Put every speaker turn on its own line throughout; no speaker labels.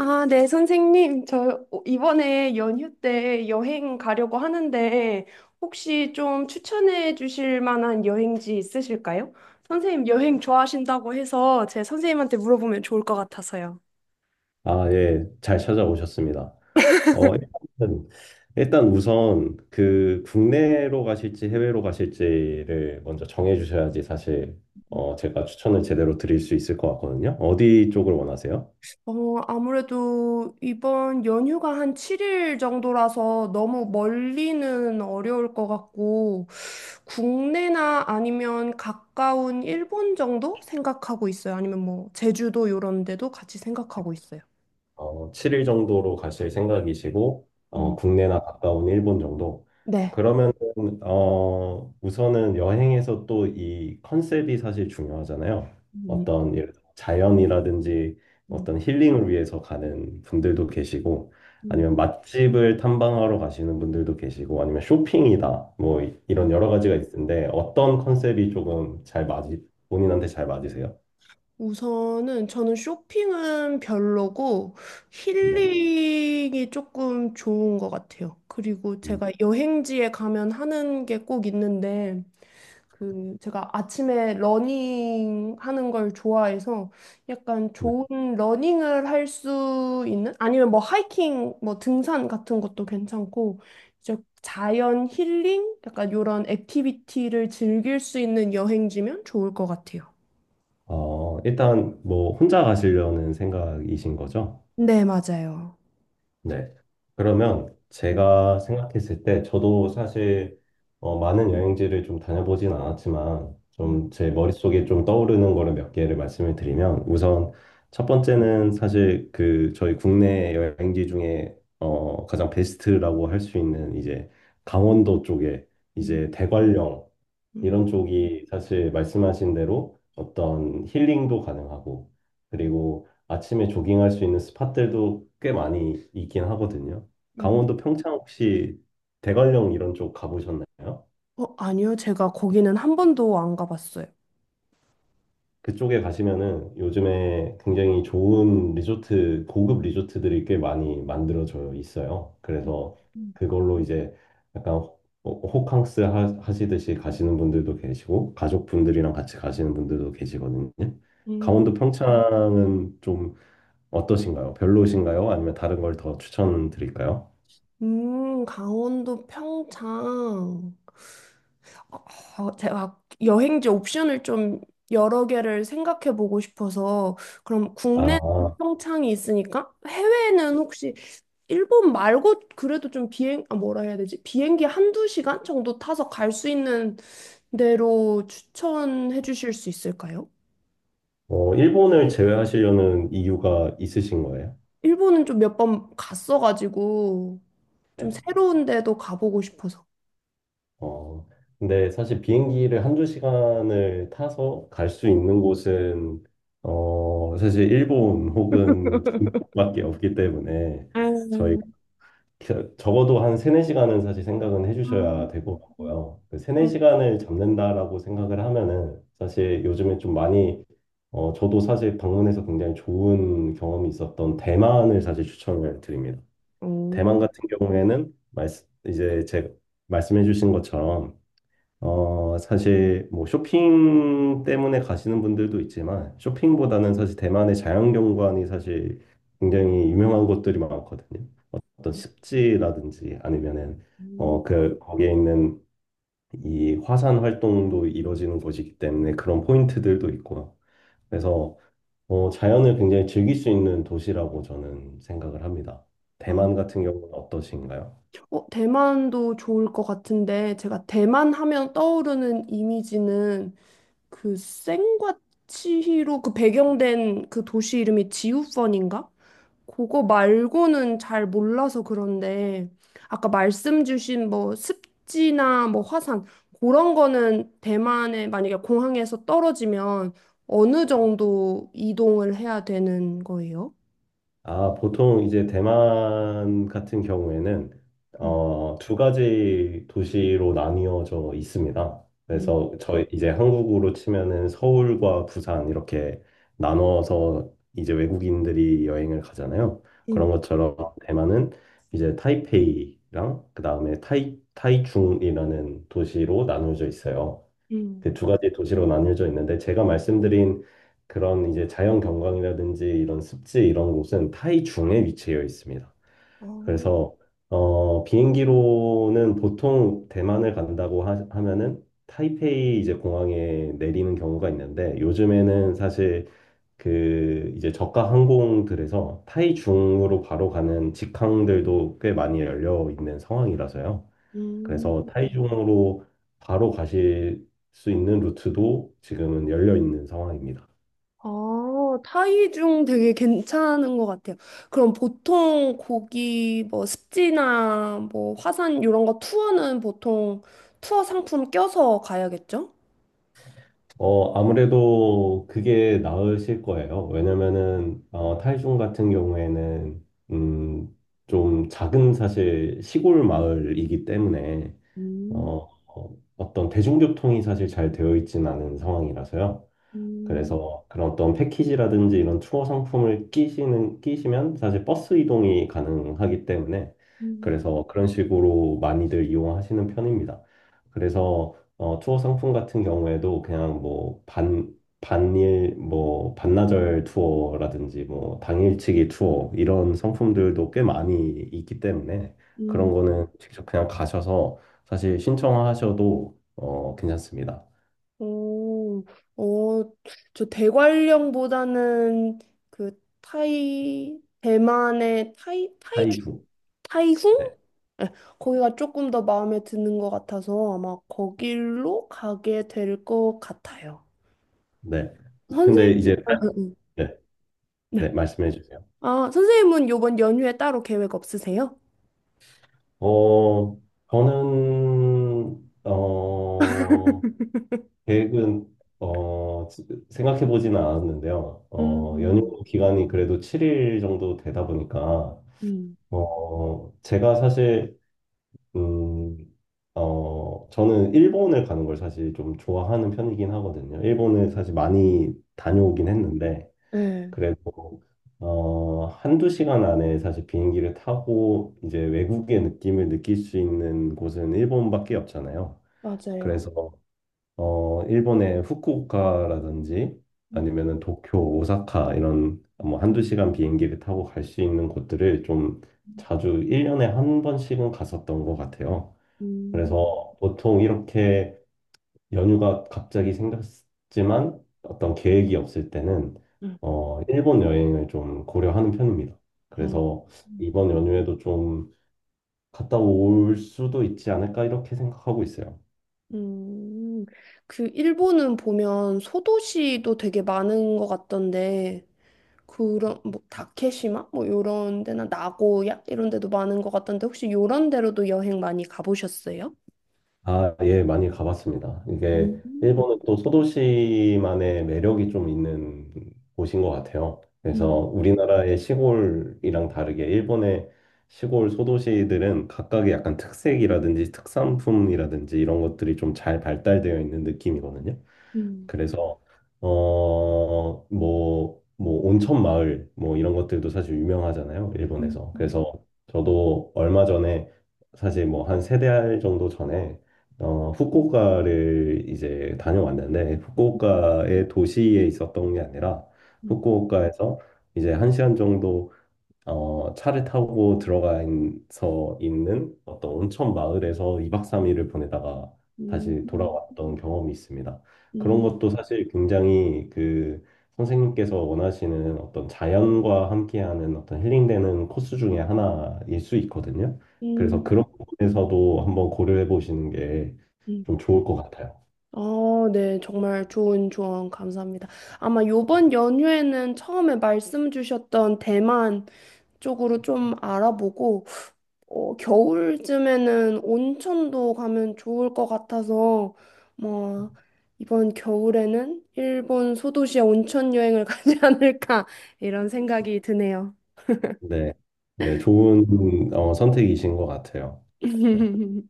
아, 네, 선생님. 저 이번에 연휴 때 여행 가려고 하는데 혹시 좀 추천해 주실 만한 여행지 있으실까요? 선생님 여행 좋아하신다고 해서 제 선생님한테 물어보면 좋을 것 같아서요.
아, 예, 잘 찾아오셨습니다. 일단, 우선 그 국내로 가실지 해외로 가실지를 먼저 정해 주셔야지 사실 제가 추천을 제대로 드릴 수 있을 것 같거든요. 어디 쪽을 원하세요?
아무래도 이번 연휴가 한 7일 정도라서 너무 멀리는 어려울 것 같고 국내나 아니면 가까운 일본 정도 생각하고 있어요. 아니면 뭐 제주도 이런 데도 같이 생각하고 있어요.
7일 정도로 가실 생각이시고,
음,
국내나 가까운 일본 정도.
네.
그러면, 우선은 여행에서 또 이 컨셉이 사실 중요하잖아요.
음,
어떤, 예를 들어 자연이라든지
음,
어떤 힐링을 위해서 가는 분들도 계시고,
음.
아니면 맛집을 탐방하러 가시는 분들도 계시고, 아니면 쇼핑이다. 뭐, 이런 여러 가지가 있는데, 어떤 컨셉이 조금 잘 맞이, 본인한테 잘 맞으세요?
우선은 저는 쇼핑은 별로고
네.
힐링이 조금 좋은 것 같아요. 그리고
음.
제가 여행지에 가면 하는 게 꼭 있는데 그 제가 아침에 러닝 하는 걸 좋아해서 약간 좋은 러닝을 할 수 있는 아니면 뭐 하이킹 뭐 등산 같은 것도 괜찮고 이제 자연 힐링 약간 요런 액티비티를 즐길 수 있는 여행지면 좋을 것 같아요.
어, 일단 뭐 혼자 가시려는 생각이신 거죠?
네, 맞아요.
네. 그러면
음,
제가 생각했을 때 저도 사실 많은 여행지를 좀 다녀보진 않았지만
음,
좀 제 머릿속에 좀 떠오르는 거를 몇 개를 말씀을 드리면 우선 첫 번째는 사실 그 저희 국내 여행지 중에 가장 베스트라고 할 수 있는 이제 강원도 쪽에
음,
이제 대관령
음,
이런 쪽이 사실 말씀하신 대로 어떤 힐링도 가능하고, 그리고 아침에 조깅할 수 있는 스팟들도 꽤 많이 있긴 하거든요.
음.
강원도 평창 혹시 대관령 이런 쪽 가보셨나요?
아니요. 제가 거기는 한 번도 안 가봤어요.
그쪽에 가시면은 요즘에 굉장히 좋은 리조트, 고급 리조트들이 꽤 많이 만들어져 있어요. 그래서 그걸로 이제 약간 호캉스 하시듯이 가시는 분들도 계시고, 가족분들이랑 같이 가시는 분들도 계시거든요.
음,
강원도 평창은 좀 어떠신가요? 별로신가요? 아니면 다른 걸 더 추천드릴까요?
강원도 평창. 제가 여행지 옵션을 좀 여러 개를 생각해 보고 싶어서 그럼 국내는
아,
평창이 있으니까 해외는 혹시 일본 말고 그래도 좀 비행 아 뭐라 해야 되지? 비행기 한두 시간 정도 타서 갈 수 있는 데로 추천해 주실 수 있을까요?
일본을 제외하시려는 이유가 있으신 거예요?
일본은 좀 몇 번 갔어가지고 좀
네.
새로운 데도 가보고 싶어서.
어, 근데 사실 비행기를 한 두 시간을 타서 갈 수 있는 곳은, 사실 일본 혹은 중국밖에 없기 때문에 저희
음.
적어도 한 세네 시간은 사실 생각은 해주셔야 될
음.
것 같고요. 그 세네
음.
시간을 잡는다라고 생각을 하면은 사실 요즘에 좀 많이 저도 사실 방문해서 굉장히 좋은 경험이 있었던 대만을 사실 추천을 드립니다.
오.
대만 같은 경우에는 말씀 이제 제 말씀해 주신 것처럼 어 사실 뭐 쇼핑 때문에 가시는 분들도 있지만 쇼핑보다는 사실 대만의 자연경관이 사실 굉장히 유명한 곳들이 많거든요. 어떤 습지라든지 아니면은 어그 거기에 있는 이 화산 활동도 이루어지는 곳이기 때문에 그런 포인트들도 있고요. 그래서 어 자연을 굉장히 즐길 수 있는 도시라고 저는 생각을 합니다.
음.
대만 같은 경우는 어떠신가요?
대만도 좋을 것 같은데 제가 대만 하면 떠오르는 이미지는 그 센과 치히로 그 배경된 그 도시 이름이 지우펀인가? 그거 말고는 잘 몰라서 그런데 아까 말씀 주신 뭐 습지나 뭐 화산 그런 거는 대만에 만약에 공항에서 떨어지면 어느 정도 이동을 해야 되는 거예요?
아, 보통 이제 대만 같은 경우에는
음,
두 가지 도시로 나뉘어져 있습니다.
음,
그래서 저희 이제 한국으로 치면은 서울과 부산 이렇게 나눠서 이제 외국인들이 여행을 가잖아요. 그런
음,
것처럼 대만은 이제 타이페이랑 그다음에 타이중이라는 도시로 나누어져 있어요.
음.
그 두 가지 도시로 나뉘어져 있는데 제가 말씀드린 그런 이제 자연 경관이라든지 이런 습지 이런 곳은 타이 중에 위치해 있습니다.
아,
그래서 어, 비행기로는 보통 대만을 간다고 하면은 타이페이 이제 공항에 내리는 경우가 있는데 요즘에는 사실 그 이제 저가 항공들에서 타이중으로 바로 가는 직항들도 꽤 많이 열려 있는 상황이라서요. 그래서
음.
타이중으로 바로 가실 수 있는 루트도 지금은 열려 있는 상황입니다.
아, 타이중 되게 괜찮은 것 같아요. 그럼 보통 고기 뭐 습지나 뭐 화산 이런 거 투어는 보통 투어 상품 껴서 가야겠죠?
어, 아무래도 그게 나으실 거예요. 왜냐면은, 타이중 같은 경우에는, 좀 작은 사실 시골 마을이기 때문에,
음,
어떤 대중교통이 사실 잘 되어 있진 않은 상황이라서요.
음,
그래서 그런 어떤 패키지라든지 이런 투어 상품을 끼시면 사실 버스 이동이 가능하기 때문에
음,
그래서 그런 식으로 많이들 이용하시는 편입니다. 그래서 투어 상품 같은 경우에도 그냥 뭐 반일, 뭐 반나절 투어라든지 뭐 당일치기 투어 이런 상품들도 꽤 많이 있기 때문에 그런
음.
거는 직접 그냥 가셔서 사실 신청하셔도 괜찮습니다.
오, 어, 저 대관령보다는 그 타이, 대만의 타이, 타이주,
하이주.
타이슝? 네, 거기가 조금 더 마음에 드는 것 같아서 아마 거길로 가게 될 것 같아요.
네.
선생님,
근데 이제
아, 아,
네,
네.
네, 말씀해 주세요.
아, 선생님은 요번 연휴에 따로 계획 없으세요?
어, 저는 어 계획은 어 생각해 보지는 않았는데요. 어
음,
연휴 기간이 그래도 7일 정도 되다 보니까
음.
어 제가 사실 음 어 저는 일본을 가는 걸 사실 좀 좋아하는 편이긴 하거든요. 일본을 사실 많이 다녀오긴 했는데
네,
그래도 한두 시간 안에 사실 비행기를 타고 이제 외국의 느낌을 느낄 수 있는 곳은 일본밖에 없잖아요.
맞아요.
그래서 일본의 후쿠오카라든지
음,
아니면은 도쿄, 오사카 이런 뭐 한두 시간 비행기를 타고 갈 수 있는 곳들을 좀 자주 1년에 한 번씩은 갔었던 것 같아요.
음,
그래서 보통 이렇게 연휴가 갑자기 생겼지만 어떤 계획이 없을 때는
음.
일본 여행을 좀 고려하는 편입니다. 그래서
음.
이번 연휴에도 좀 갔다 올 수도 있지 않을까 이렇게 생각하고 있어요.
음, 그 일본은 보면 소도시도 되게 많은 것 같던데 그런 뭐 다케시마 뭐 요런 데나 나고야 이런 데도 많은 것 같던데 혹시 요런 데로도 여행 많이 가보셨어요?
아, 예, 많이 가봤습니다. 이게
음,
일본은 또 소도시만의 매력이 좀 있는 곳인 것 같아요. 그래서
음,
우리나라의 시골이랑 다르게 일본의 시골 소도시들은 각각의 약간 특색이라든지 특산품이라든지 이런 것들이 좀 잘 발달되어 있는 느낌이거든요.
음,
그래서 어, 뭐 온천 마을 뭐 이런 것들도 사실 유명하잖아요,
음,
일본에서.
음,
그래서 저도 얼마 전에 사실 뭐 한 세 달 정도 전에 후쿠오카를 이제 다녀왔는데 후쿠오카의 도시에 있었던 게 아니라
음,
후쿠오카에서 이제 한 시간 정도 차를 타고 들어가서 있는 어떤 온천 마을에서 2박 3일을 보내다가
음,
다시
음,
돌아왔던 경험이 있습니다.
음,
그런
음.
것도 사실 굉장히 그 선생님께서 원하시는 어떤 자연과 함께하는 어떤 힐링되는 코스 중에 하나일 수 있거든요. 그래서
음,
그런 부분에서도 한번 고려해 보시는 게
음.
좀 좋을 것 같아요.
아, 네, 정말 좋은 조언 감사합니다. 아마 요번 연휴에는 처음에 말씀 주셨던 대만 쪽으로 좀 알아보고 겨울쯤에는 온천도 가면 좋을 것 같아서, 뭐, 이번 겨울에는 일본 소도시에 온천 여행을 가지 않을까, 이런 생각이 드네요.
네, 네, 좋은 선택이신 것 같아요. 네.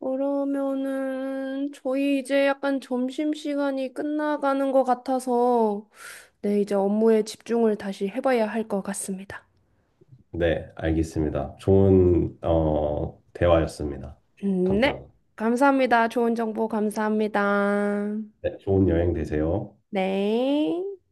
그러면은, 저희 이제 약간 점심시간이 끝나가는 것 같아서, 네, 이제 업무에 집중을 다시 해봐야 할 것 같습니다.
네, 알겠습니다. 좋은 대화였습니다.
네,
감사합니다.
감사합니다. 좋은 정보 감사합니다.
네, 좋은 여행 되세요.
네.